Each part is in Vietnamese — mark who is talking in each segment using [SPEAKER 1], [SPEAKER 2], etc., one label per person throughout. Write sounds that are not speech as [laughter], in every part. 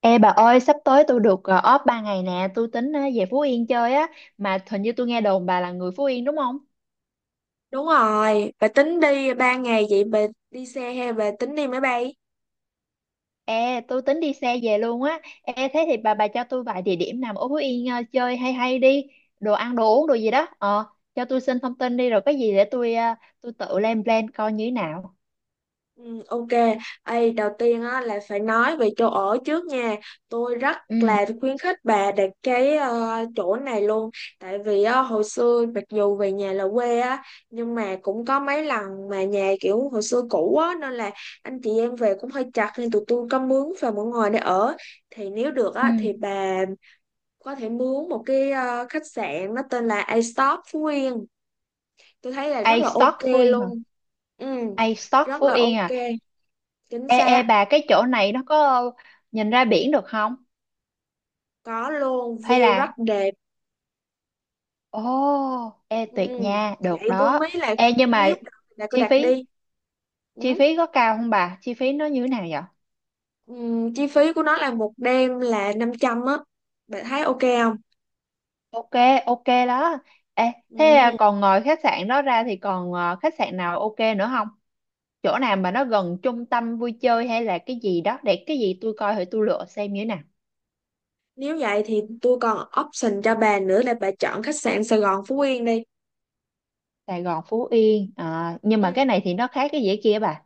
[SPEAKER 1] Ê bà ơi, sắp tới tôi được off 3 ngày nè, tôi tính về Phú Yên chơi á, mà hình như tôi nghe đồn bà là người Phú Yên đúng không?
[SPEAKER 2] Đúng rồi, bà tính đi 3 ngày vậy bà đi xe hay bà tính đi máy bay?
[SPEAKER 1] Ê, tôi tính đi xe về luôn á. Ê, thế thì bà cho tôi vài địa điểm nào ở Phú Yên chơi hay hay đi, đồ ăn, đồ uống, đồ gì đó. Ờ, cho tôi xin thông tin đi rồi có gì để tôi tôi tự lên plan coi như thế nào.
[SPEAKER 2] Ừ, ok. Ê, đầu tiên á, là phải nói về chỗ ở trước nha. Tôi rất
[SPEAKER 1] Ừ,
[SPEAKER 2] là khuyến khích bà đặt cái chỗ này luôn. Tại vì á, hồi xưa mặc dù về nhà là quê á, nhưng mà cũng có mấy lần mà nhà kiểu hồi xưa cũ á, nên là anh chị em về cũng hơi chặt nên tụi tôi có mướn và mọi người để ở. Thì nếu được
[SPEAKER 1] ừ.
[SPEAKER 2] á, thì bà có thể mướn một cái khách sạn, nó tên là A-Stop Phú Yên, tôi thấy là rất
[SPEAKER 1] A
[SPEAKER 2] là ok
[SPEAKER 1] Stock Phú Yên hả?
[SPEAKER 2] luôn. Ừ,
[SPEAKER 1] A Stock
[SPEAKER 2] rất
[SPEAKER 1] Phú
[SPEAKER 2] là
[SPEAKER 1] Yên à.
[SPEAKER 2] ok, chính
[SPEAKER 1] Ê, ê
[SPEAKER 2] xác.
[SPEAKER 1] bà cái chỗ này nó có nhìn ra biển được không?
[SPEAKER 2] Có luôn,
[SPEAKER 1] Hay
[SPEAKER 2] view rất
[SPEAKER 1] là
[SPEAKER 2] đẹp.
[SPEAKER 1] ồ, ê
[SPEAKER 2] Ừ,
[SPEAKER 1] tuyệt nha, được
[SPEAKER 2] vậy tôi
[SPEAKER 1] đó.
[SPEAKER 2] mới là,
[SPEAKER 1] Ê nhưng mà
[SPEAKER 2] nếu đặt là cứ
[SPEAKER 1] chi
[SPEAKER 2] đặt
[SPEAKER 1] phí
[SPEAKER 2] đi.
[SPEAKER 1] chi
[SPEAKER 2] Ừ.
[SPEAKER 1] phí có cao không bà? Chi phí nó như thế nào vậy?
[SPEAKER 2] Ừ. Chi phí của nó là một đêm là 500 á, bạn thấy ok không?
[SPEAKER 1] Ok, ok đó. Ê, thế à,
[SPEAKER 2] Ừ,
[SPEAKER 1] còn ngoài khách sạn đó ra thì còn à, khách sạn nào ok nữa không? Chỗ nào mà nó gần trung tâm vui chơi hay là cái gì đó để cái gì tôi coi thử tôi lựa xem như thế nào.
[SPEAKER 2] nếu vậy thì tôi còn option cho bà nữa, là bà chọn khách sạn Sài Gòn Phú Yên đi.
[SPEAKER 1] Sài Gòn, Phú Yên. À, nhưng mà cái
[SPEAKER 2] Ừ,
[SPEAKER 1] này thì nó khác cái dĩa kia bà.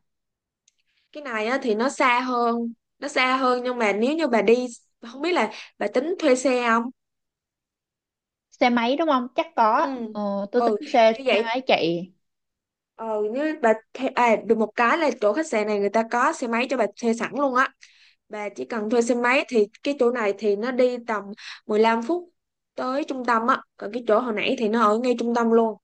[SPEAKER 2] cái này á, thì nó xa hơn. Nó xa hơn, nhưng mà nếu như bà đi, không biết là bà tính thuê xe không?
[SPEAKER 1] Xe máy đúng không? Chắc
[SPEAKER 2] Ừ,
[SPEAKER 1] có. Ờ, tôi
[SPEAKER 2] ừ,
[SPEAKER 1] tính xe
[SPEAKER 2] như
[SPEAKER 1] xe
[SPEAKER 2] vậy.
[SPEAKER 1] máy chạy.
[SPEAKER 2] Ờ, như bà thuê, à, được một cái là chỗ khách sạn này người ta có xe máy cho bà thuê sẵn luôn á. Bà chỉ cần thuê xe máy thì cái chỗ này thì nó đi tầm 15 phút tới trung tâm á, còn cái chỗ hồi nãy thì nó ở ngay trung tâm luôn.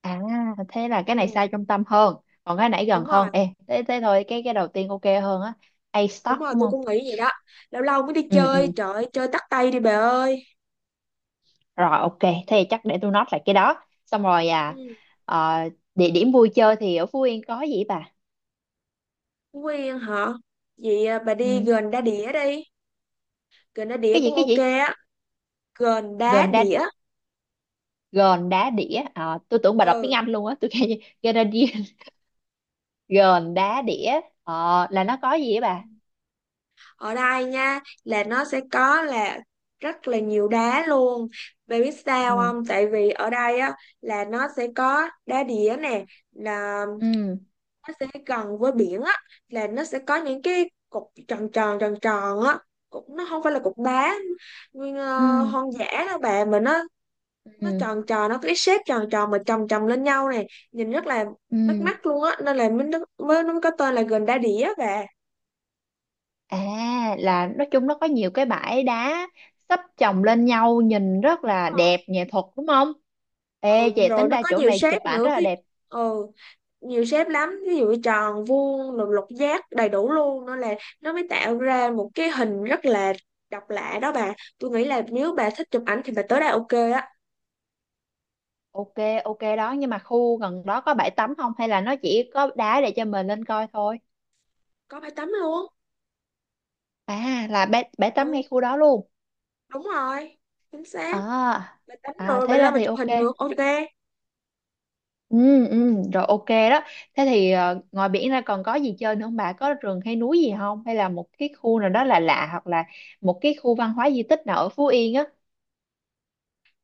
[SPEAKER 1] À, thế là cái này
[SPEAKER 2] Ừ,
[SPEAKER 1] xa trung tâm hơn, còn cái nãy gần
[SPEAKER 2] đúng
[SPEAKER 1] hơn.
[SPEAKER 2] rồi.
[SPEAKER 1] Ê, thế thế thôi, cái đầu tiên ok hơn á. A
[SPEAKER 2] Đúng
[SPEAKER 1] stock
[SPEAKER 2] rồi,
[SPEAKER 1] đúng
[SPEAKER 2] tôi
[SPEAKER 1] không?
[SPEAKER 2] cũng nghĩ vậy đó. Lâu lâu mới đi
[SPEAKER 1] Ừ
[SPEAKER 2] chơi,
[SPEAKER 1] ừ.
[SPEAKER 2] trời ơi, chơi tắt tay đi bà ơi.
[SPEAKER 1] Rồi ok, thế thì chắc để tôi note lại cái đó. Xong rồi à
[SPEAKER 2] Ừ,
[SPEAKER 1] ờ, địa điểm vui chơi thì ở Phú Yên có gì vậy bà?
[SPEAKER 2] quen hả? Vậy à, bà
[SPEAKER 1] Ừ,
[SPEAKER 2] đi gần đá đĩa đi. Gần đá đĩa
[SPEAKER 1] cái gì
[SPEAKER 2] cũng
[SPEAKER 1] cái
[SPEAKER 2] ok
[SPEAKER 1] gì?
[SPEAKER 2] á. Gần đá
[SPEAKER 1] Gòn đá
[SPEAKER 2] đĩa.
[SPEAKER 1] Gòn đá đĩa. Ờ, tôi tưởng bà đọc tiếng
[SPEAKER 2] Ừ,
[SPEAKER 1] Anh luôn á, tôi kêu gòn đá đĩa. Gòn [laughs] đá đĩa. Ờ, là nó có gì vậy bà?
[SPEAKER 2] ở đây nha, là nó sẽ có là rất là nhiều đá luôn. Bạn biết sao
[SPEAKER 1] Ừ
[SPEAKER 2] không, tại vì ở đây á, là nó sẽ có đá đĩa nè, là
[SPEAKER 1] ừ
[SPEAKER 2] nó sẽ gần với biển á, là nó sẽ có những cái cục tròn tròn tròn tròn á. Cục nó không phải là cục đá nguyên
[SPEAKER 1] ừ
[SPEAKER 2] hoang dã đâu bạn, mà nó
[SPEAKER 1] ừ
[SPEAKER 2] tròn tròn, nó có cái shape tròn tròn mà chồng chồng lên nhau này, nhìn rất là bắt
[SPEAKER 1] ừ.
[SPEAKER 2] mắt luôn á, nên là mới mới nó có tên là gần đá đĩa. Và
[SPEAKER 1] À, là nói chung nó có nhiều cái bãi đá sắp chồng lên nhau nhìn rất là đẹp nghệ thuật đúng không? Ê
[SPEAKER 2] ừ,
[SPEAKER 1] về
[SPEAKER 2] rồi
[SPEAKER 1] tính
[SPEAKER 2] nó
[SPEAKER 1] ra
[SPEAKER 2] có
[SPEAKER 1] chỗ
[SPEAKER 2] nhiều
[SPEAKER 1] này
[SPEAKER 2] shape
[SPEAKER 1] chụp ảnh
[SPEAKER 2] nữa
[SPEAKER 1] rất là
[SPEAKER 2] với.
[SPEAKER 1] đẹp.
[SPEAKER 2] Ừ, nhiều shape lắm, ví dụ tròn, vuông rồi lục giác đầy đủ luôn, nên là nó mới tạo ra một cái hình rất là độc lạ đó bà. Tôi nghĩ là nếu bà thích chụp ảnh thì bà tới đây ok á.
[SPEAKER 1] Ok, ok đó nhưng mà khu gần đó có bãi tắm không hay là nó chỉ có đá để cho mình lên coi thôi?
[SPEAKER 2] Có bãi tắm luôn.
[SPEAKER 1] À là bãi tắm ngay
[SPEAKER 2] Ừ,
[SPEAKER 1] khu đó luôn.
[SPEAKER 2] đúng rồi, chính xác.
[SPEAKER 1] À,
[SPEAKER 2] Bà tắm
[SPEAKER 1] à
[SPEAKER 2] rồi bà
[SPEAKER 1] thế ra
[SPEAKER 2] lên mà
[SPEAKER 1] thì
[SPEAKER 2] chụp
[SPEAKER 1] ok.
[SPEAKER 2] hình được, ok.
[SPEAKER 1] Ừ, ừ, rồi ok đó. Thế thì ngoài biển ra còn có gì chơi nữa không bà? Có rừng hay núi gì không? Hay là một cái khu nào đó là lạ lạ hoặc là một cái khu văn hóa di tích nào ở Phú Yên á?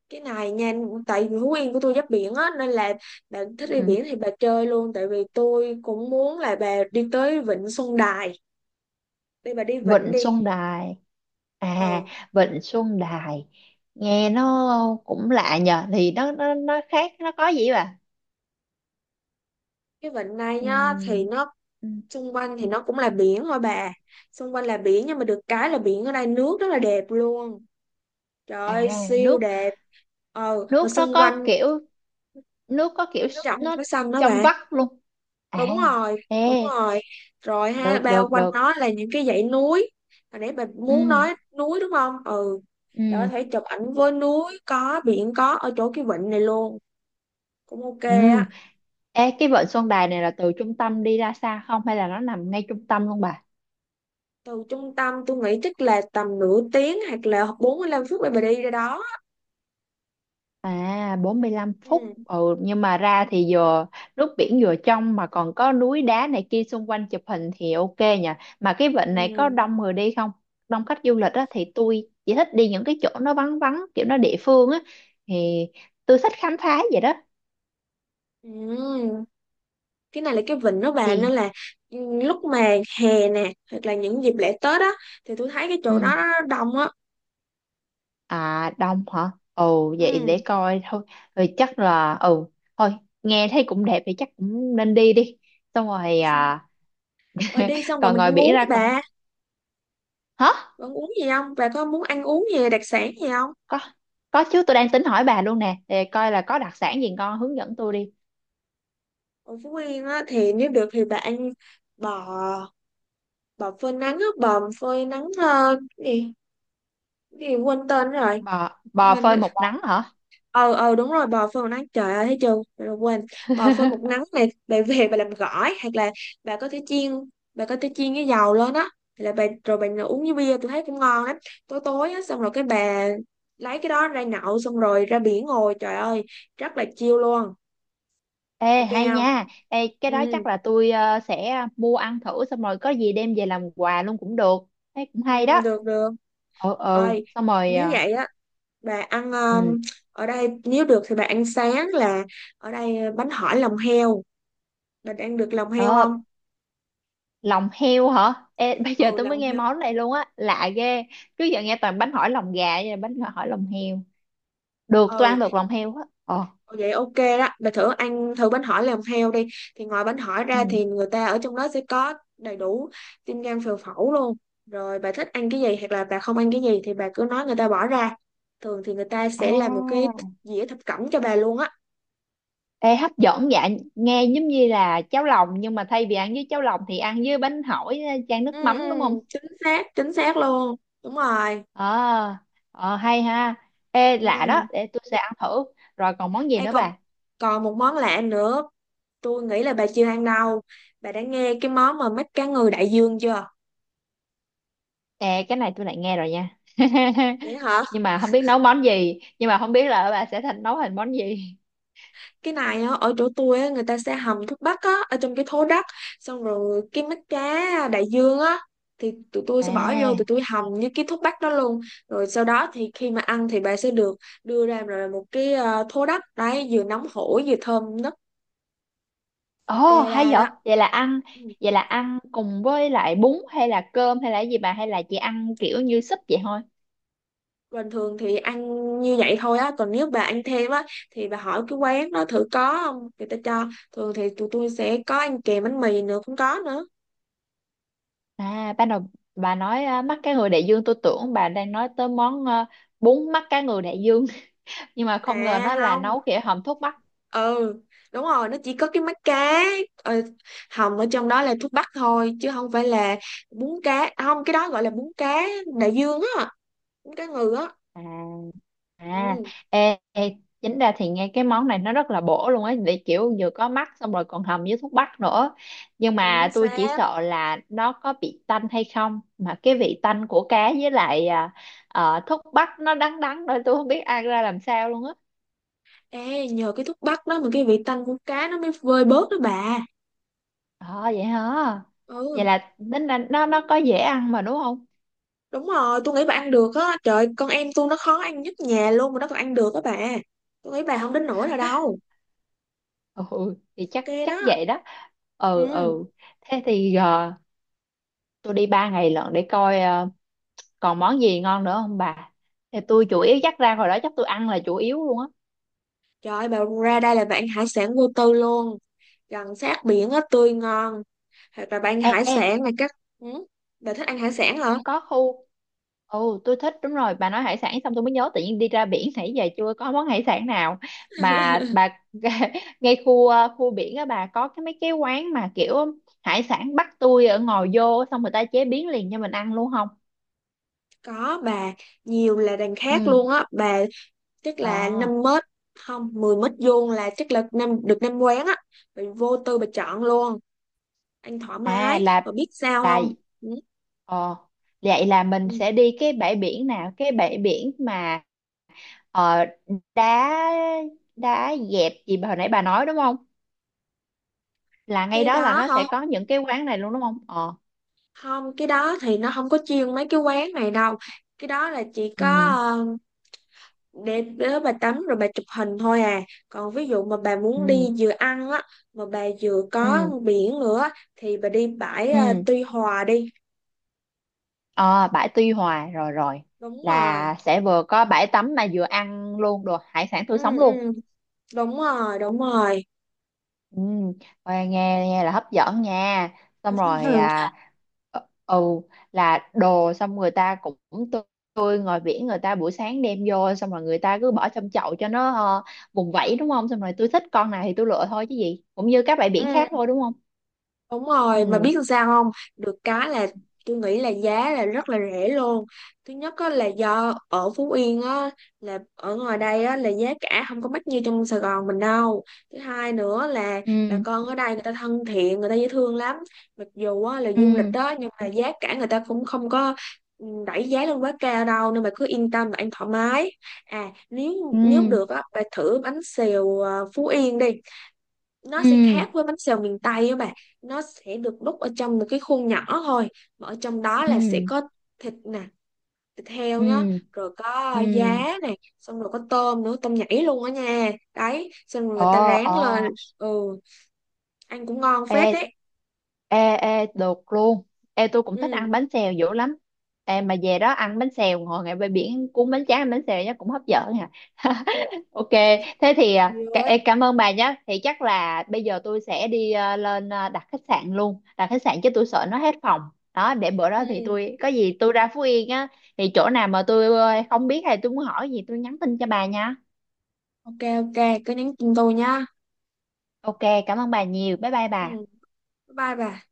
[SPEAKER 2] Cái này nha, tại vì Phú Yên của tôi giáp biển á, nên là bà thích đi
[SPEAKER 1] Ừ.
[SPEAKER 2] biển thì bà chơi luôn. Tại vì tôi cũng muốn là bà đi tới Vịnh Xuân Đài. Đi bà, đi vịnh
[SPEAKER 1] Vịnh
[SPEAKER 2] đi.
[SPEAKER 1] Xuân Đài à.
[SPEAKER 2] Ừ,
[SPEAKER 1] Vịnh Xuân Đài nghe nó cũng lạ nhờ thì nó khác nó có gì bà.
[SPEAKER 2] cái vịnh này nhá,
[SPEAKER 1] Ừ.
[SPEAKER 2] thì nó
[SPEAKER 1] Ừ.
[SPEAKER 2] xung quanh thì nó cũng là biển thôi bà. Xung quanh là biển nhưng mà được cái là biển ở đây nước rất là đẹp luôn, trời ơi,
[SPEAKER 1] À,
[SPEAKER 2] siêu
[SPEAKER 1] nước
[SPEAKER 2] đẹp. Ờ, mà
[SPEAKER 1] nước nó
[SPEAKER 2] xung
[SPEAKER 1] có
[SPEAKER 2] quanh
[SPEAKER 1] kiểu nước có kiểu
[SPEAKER 2] nó trong,
[SPEAKER 1] nó
[SPEAKER 2] nó xanh đó
[SPEAKER 1] trong
[SPEAKER 2] bà.
[SPEAKER 1] vắt luôn. À
[SPEAKER 2] Đúng rồi,
[SPEAKER 1] ê,
[SPEAKER 2] đúng rồi. Rồi ha,
[SPEAKER 1] được
[SPEAKER 2] bao
[SPEAKER 1] được
[SPEAKER 2] quanh
[SPEAKER 1] được.
[SPEAKER 2] nó là những cái dãy núi. Hồi nãy bà
[SPEAKER 1] Ừ
[SPEAKER 2] muốn nói núi đúng không? Ừ, bà có
[SPEAKER 1] ừ
[SPEAKER 2] thể chụp ảnh với núi, có biển, có ở chỗ cái vịnh này luôn, cũng ok
[SPEAKER 1] ừ.
[SPEAKER 2] á.
[SPEAKER 1] Ê cái Vịnh Xuân Đài này là từ trung tâm đi ra xa không hay là nó nằm ngay trung tâm luôn bà?
[SPEAKER 2] Từ trung tâm tôi nghĩ chắc là tầm nửa tiếng hoặc là 45 phút để bà đi ra đó.
[SPEAKER 1] À 45 phút
[SPEAKER 2] Ừ,
[SPEAKER 1] ừ, nhưng mà ra thì vừa nước biển vừa trong mà còn có núi đá này kia xung quanh chụp hình thì ok nhỉ, mà cái vịnh này có
[SPEAKER 2] ừ.
[SPEAKER 1] đông người đi không, đông khách du lịch á thì tôi chỉ thích đi những cái chỗ nó vắng vắng kiểu nó địa phương á thì tôi thích khám phá vậy đó
[SPEAKER 2] Ừm, cái này là cái vịnh đó bà, nên
[SPEAKER 1] thì
[SPEAKER 2] là lúc mà hè nè hoặc là những dịp lễ Tết á, thì tôi thấy cái chỗ
[SPEAKER 1] ừ.
[SPEAKER 2] đó nó đông á.
[SPEAKER 1] À đông hả, ồ vậy
[SPEAKER 2] Ừ.
[SPEAKER 1] để coi thôi, rồi chắc là ừ thôi, nghe thấy cũng đẹp thì chắc cũng nên đi đi. Xong rồi à.
[SPEAKER 2] [laughs] Rồi,
[SPEAKER 1] [laughs]
[SPEAKER 2] đi xong rồi
[SPEAKER 1] Còn
[SPEAKER 2] mình
[SPEAKER 1] ngoài
[SPEAKER 2] ăn
[SPEAKER 1] biển
[SPEAKER 2] uống đi
[SPEAKER 1] ra còn
[SPEAKER 2] bà.
[SPEAKER 1] hả?
[SPEAKER 2] Bà ăn uống gì không, bà có muốn ăn uống gì đặc sản gì không?
[SPEAKER 1] có có chứ tôi đang tính hỏi bà luôn nè để coi là có đặc sản gì ngon hướng dẫn tôi đi.
[SPEAKER 2] Ở Phú Yên á, thì nếu được thì bà ăn bò bò phơi nắng á, bò phơi nắng, cái gì, cái gì quên tên rồi.
[SPEAKER 1] Bò bò
[SPEAKER 2] Mình,
[SPEAKER 1] phơi một nắng hả?
[SPEAKER 2] ờ đúng rồi, bò phơi một nắng, trời ơi, thấy chưa, trời, quên. Bò phơi một
[SPEAKER 1] [laughs]
[SPEAKER 2] nắng này, bà về bà làm gỏi, hoặc là bà có thể chiên, cái dầu lên á. Hoặc là bà rồi bà uống với bia tôi thấy cũng ngon lắm. Tối tối á, xong rồi cái bà lấy cái đó ra nhậu, xong rồi ra biển ngồi, trời ơi, rất là chill luôn.
[SPEAKER 1] Ê
[SPEAKER 2] Ok
[SPEAKER 1] hay
[SPEAKER 2] không?
[SPEAKER 1] nha, ê cái đó
[SPEAKER 2] Ừ,
[SPEAKER 1] chắc là tôi sẽ mua ăn thử xong rồi có gì đem về làm quà luôn cũng được, thấy cũng
[SPEAKER 2] ừ,
[SPEAKER 1] hay đó.
[SPEAKER 2] được được.
[SPEAKER 1] Ừ ừ
[SPEAKER 2] Ơi,
[SPEAKER 1] xong rồi
[SPEAKER 2] nếu vậy á, bà ăn
[SPEAKER 1] ừ
[SPEAKER 2] ở đây, nếu được thì bà ăn sáng là ở đây bánh hỏi lòng heo. Bà ăn được lòng heo
[SPEAKER 1] ờ,
[SPEAKER 2] không?
[SPEAKER 1] lòng heo hả? Ê [laughs] bây giờ
[SPEAKER 2] Ừ,
[SPEAKER 1] tôi mới
[SPEAKER 2] lòng
[SPEAKER 1] nghe
[SPEAKER 2] heo.
[SPEAKER 1] món này luôn á lạ ghê, trước giờ nghe toàn bánh hỏi lòng gà vậy là bánh hỏi lòng heo, được tôi ăn
[SPEAKER 2] Ừ,
[SPEAKER 1] được lòng heo á ờ
[SPEAKER 2] vậy ok đó, bà thử ăn thử bánh hỏi làm theo đi. Thì ngoài bánh hỏi ra
[SPEAKER 1] ừ
[SPEAKER 2] thì người ta ở trong đó sẽ có đầy đủ tim, gan, phèo, phẫu luôn. Rồi bà thích ăn cái gì hoặc là bà không ăn cái gì thì bà cứ nói người ta bỏ ra. Thường thì người ta sẽ làm một cái
[SPEAKER 1] à.
[SPEAKER 2] dĩa thập cẩm cho bà luôn á.
[SPEAKER 1] Ê, hấp dẫn dạ, nghe giống như là cháo lòng nhưng mà thay vì ăn với cháo lòng thì ăn với bánh hỏi chan nước
[SPEAKER 2] Ừ ừ,
[SPEAKER 1] mắm đúng không?
[SPEAKER 2] chính xác, chính xác luôn, đúng rồi.
[SPEAKER 1] Ờ, ờ, hay ha. Ê
[SPEAKER 2] Ừ,
[SPEAKER 1] lạ đó, để tôi sẽ ăn thử. Rồi còn món gì
[SPEAKER 2] ê,
[SPEAKER 1] nữa
[SPEAKER 2] còn
[SPEAKER 1] bà?
[SPEAKER 2] còn một món lạ nữa, tôi nghĩ là bà chưa ăn đâu. Bà đã nghe cái món mà mắt cá ngừ đại dương chưa?
[SPEAKER 1] Ê cái này tôi lại nghe rồi nha. [laughs]
[SPEAKER 2] Vậy hả,
[SPEAKER 1] Nhưng mà không biết nấu món gì, nhưng mà không biết là bà sẽ thành nấu thành món gì.
[SPEAKER 2] cái này á, ở chỗ tôi á, người ta sẽ hầm thuốc bắc á, ở trong cái thố đất. Xong rồi cái mắt cá đại dương á, thì tụi tôi sẽ bỏ vô, tụi
[SPEAKER 1] À,
[SPEAKER 2] tôi hầm với cái thuốc bắc đó luôn. Rồi sau đó thì khi mà ăn thì bà sẽ được đưa ra rồi một cái thố đất đấy, vừa nóng hổi vừa thơm nức, ok
[SPEAKER 1] ồ hay
[SPEAKER 2] ra
[SPEAKER 1] vậy.
[SPEAKER 2] đó.
[SPEAKER 1] Vậy là ăn,
[SPEAKER 2] Ừ,
[SPEAKER 1] vậy là ăn cùng với lại bún hay là cơm hay là gì bà hay là chỉ ăn kiểu như súp vậy thôi?
[SPEAKER 2] bình thường thì ăn như vậy thôi á, còn nếu bà ăn thêm á thì bà hỏi cái quán đó thử có không, người ta cho. Thường thì tụi tôi sẽ có ăn kèm bánh mì nữa, cũng có nữa.
[SPEAKER 1] À, ban đầu bà nói à, mắt cá ngừ đại dương tôi tưởng bà đang nói tới món à, bún mắt cá ngừ đại dương [laughs] nhưng mà không ngờ
[SPEAKER 2] À
[SPEAKER 1] nó là
[SPEAKER 2] không,
[SPEAKER 1] nấu kiểu hầm thuốc bắc.
[SPEAKER 2] ừ, đúng rồi, nó chỉ có cái mắt cá ờ, hồng ở trong đó, là thuốc bắc thôi, chứ không phải là bún cá. À, không, cái đó gọi là bún cá đại dương á, bún cá ngừ á.
[SPEAKER 1] À, à
[SPEAKER 2] Ừ,
[SPEAKER 1] ê, ê, chính ra thì nghe cái món này nó rất là bổ luôn ấy để kiểu vừa có mắt xong rồi còn hầm với thuốc bắc nữa. Nhưng
[SPEAKER 2] chính
[SPEAKER 1] mà tôi chỉ
[SPEAKER 2] xác.
[SPEAKER 1] sợ là nó có bị tanh hay không mà cái vị tanh của cá với lại à, thuốc bắc nó đắng đắng nữa tôi không biết ăn ra làm sao luôn á.
[SPEAKER 2] Ê, nhờ cái thuốc bắc đó mà cái vị tanh của cá nó mới vơi bớt đó bà.
[SPEAKER 1] Ờ vậy hả? Vậy
[SPEAKER 2] Ừ,
[SPEAKER 1] là tính là nó có dễ ăn mà đúng không?
[SPEAKER 2] đúng rồi, tôi nghĩ bà ăn được á. Trời, con em tôi nó khó ăn nhất nhà luôn mà nó còn ăn được á bà, tôi nghĩ bà không đến nỗi nào đâu.
[SPEAKER 1] Ừ thì chắc
[SPEAKER 2] Ok
[SPEAKER 1] chắc
[SPEAKER 2] đó.
[SPEAKER 1] vậy đó. Ừ
[SPEAKER 2] Ừ,
[SPEAKER 1] ừ thế thì tôi đi 3 ngày lận để coi còn món gì ngon nữa không bà, thì tôi chủ yếu chắc ra hồi đó chắc tôi ăn là chủ yếu luôn á.
[SPEAKER 2] trời ơi, bà, ra đây là bạn hải sản vô tư luôn, gần sát biển á, tươi ngon. Hoặc là bà ăn
[SPEAKER 1] Ê,
[SPEAKER 2] hải
[SPEAKER 1] ê
[SPEAKER 2] sản này các. Ừ, bà thích ăn hải sản hả?
[SPEAKER 1] có khu ừ tôi thích đúng rồi bà nói hải sản xong tôi mới nhớ tự nhiên đi ra biển nãy giờ chưa có món hải sản nào mà bà [laughs] ngay khu khu biển á bà có cái mấy cái quán mà kiểu hải sản bắt tôi ở ngồi vô xong người ta chế biến liền cho mình ăn luôn không?
[SPEAKER 2] Có bà, nhiều là đằng khác
[SPEAKER 1] Ừ.
[SPEAKER 2] luôn á bà. Chắc
[SPEAKER 1] Ờ
[SPEAKER 2] là 5 mét, không, 10 mét vuông là chắc là năm quán á. Bà vô tư bà chọn luôn, ăn thoải
[SPEAKER 1] à
[SPEAKER 2] mái.
[SPEAKER 1] là
[SPEAKER 2] Bà biết sao
[SPEAKER 1] là
[SPEAKER 2] không? Ừ.
[SPEAKER 1] ờ vậy là mình
[SPEAKER 2] Ừ,
[SPEAKER 1] sẽ đi cái bãi biển nào cái bãi biển mà ờ, đá, đá dẹp gì mà hồi nãy bà nói đúng không, là ngay
[SPEAKER 2] cái
[SPEAKER 1] đó là
[SPEAKER 2] đó
[SPEAKER 1] nó
[SPEAKER 2] hả?
[SPEAKER 1] sẽ có những cái quán này luôn đúng không ờ.
[SPEAKER 2] Không, cái đó thì nó không có chuyên mấy cái quán này đâu. Cái đó là chỉ có
[SPEAKER 1] Ừ
[SPEAKER 2] để đó bà tắm rồi bà chụp hình thôi à. Còn ví dụ mà bà muốn
[SPEAKER 1] ừ
[SPEAKER 2] đi vừa ăn á, mà bà vừa có
[SPEAKER 1] ừ
[SPEAKER 2] biển nữa á, thì bà đi bãi, à,
[SPEAKER 1] ừ
[SPEAKER 2] Tuy Hòa đi.
[SPEAKER 1] ờ bãi Tuy Hòa rồi rồi,
[SPEAKER 2] Đúng rồi.
[SPEAKER 1] là sẽ vừa có bãi tắm mà vừa ăn luôn đồ hải sản tươi
[SPEAKER 2] Ừ
[SPEAKER 1] sống luôn.
[SPEAKER 2] ừ, đúng rồi, đúng rồi.
[SPEAKER 1] Ừ, nghe nghe nghe là hấp dẫn nha. Xong rồi
[SPEAKER 2] [laughs]
[SPEAKER 1] à ừ là đồ xong người ta cũng tươi, tươi ngoài biển người ta buổi sáng đem vô xong rồi người ta cứ bỏ trong chậu cho nó ờ, vùng vẫy đúng không? Xong rồi tôi thích con này thì tôi lựa thôi chứ gì. Cũng như các bãi biển khác
[SPEAKER 2] Ừ.
[SPEAKER 1] thôi đúng không?
[SPEAKER 2] Đúng rồi, mà
[SPEAKER 1] Ừ.
[SPEAKER 2] biết làm sao không? Được cái là tôi nghĩ là giá là rất là rẻ luôn. Thứ nhất á, là do ở Phú Yên á, là ở ngoài đây á, là giá cả không có mắc như trong Sài Gòn mình đâu. Thứ hai nữa là bà
[SPEAKER 1] Ừ.
[SPEAKER 2] con ở đây người ta thân thiện, người ta dễ thương lắm. Mặc dù á, là du lịch
[SPEAKER 1] Ừ.
[SPEAKER 2] đó nhưng mà giá cả người ta cũng không có, ừ, đẩy giá lên quá cao đâu, nên bà cứ yên tâm và ăn thoải mái. À,
[SPEAKER 1] Ừ.
[SPEAKER 2] nếu nếu được á, bà thử bánh xèo Phú Yên đi. Nó sẽ
[SPEAKER 1] Ừ.
[SPEAKER 2] khác với bánh xèo miền Tây á bạn. Nó sẽ được đút ở trong một cái khuôn nhỏ thôi, mà ở trong đó
[SPEAKER 1] Ừ.
[SPEAKER 2] là sẽ
[SPEAKER 1] Ừ.
[SPEAKER 2] có thịt nè, thịt
[SPEAKER 1] Ừ.
[SPEAKER 2] heo nhá, rồi có
[SPEAKER 1] Ừ.
[SPEAKER 2] giá này, xong rồi có tôm nữa, tôm nhảy luôn á nha đấy, xong rồi người
[SPEAKER 1] Ồ,
[SPEAKER 2] ta rán
[SPEAKER 1] ồ.
[SPEAKER 2] lên. Ừ, ăn cũng ngon phết
[SPEAKER 1] Ê,
[SPEAKER 2] đấy.
[SPEAKER 1] ê, ê, được luôn. Ê, tôi cũng thích ăn
[SPEAKER 2] Ừ,
[SPEAKER 1] bánh xèo dữ lắm. Ê, mà về đó ăn bánh xèo, ngồi ngay bãi biển cuốn bánh tráng ăn bánh xèo nhá, cũng hấp dẫn nha. [laughs] Ok, thế thì à,
[SPEAKER 2] nhiều
[SPEAKER 1] cả-
[SPEAKER 2] đấy.
[SPEAKER 1] ê, cảm ơn bà nhé. Thì chắc là bây giờ tôi sẽ đi à, lên à, đặt khách sạn luôn. Đặt khách sạn chứ tôi sợ nó hết phòng. Đó, để bữa
[SPEAKER 2] Ừ
[SPEAKER 1] đó thì
[SPEAKER 2] ừ,
[SPEAKER 1] tôi, có gì tôi ra Phú Yên á, thì chỗ nào mà tôi không biết hay tôi muốn hỏi gì tôi nhắn tin cho bà nha.
[SPEAKER 2] ok ok, cứ nhắn tin tôi nha.
[SPEAKER 1] Ok, cảm ơn bà nhiều. Bye bye
[SPEAKER 2] Ừ,
[SPEAKER 1] bà.
[SPEAKER 2] bye bye bà.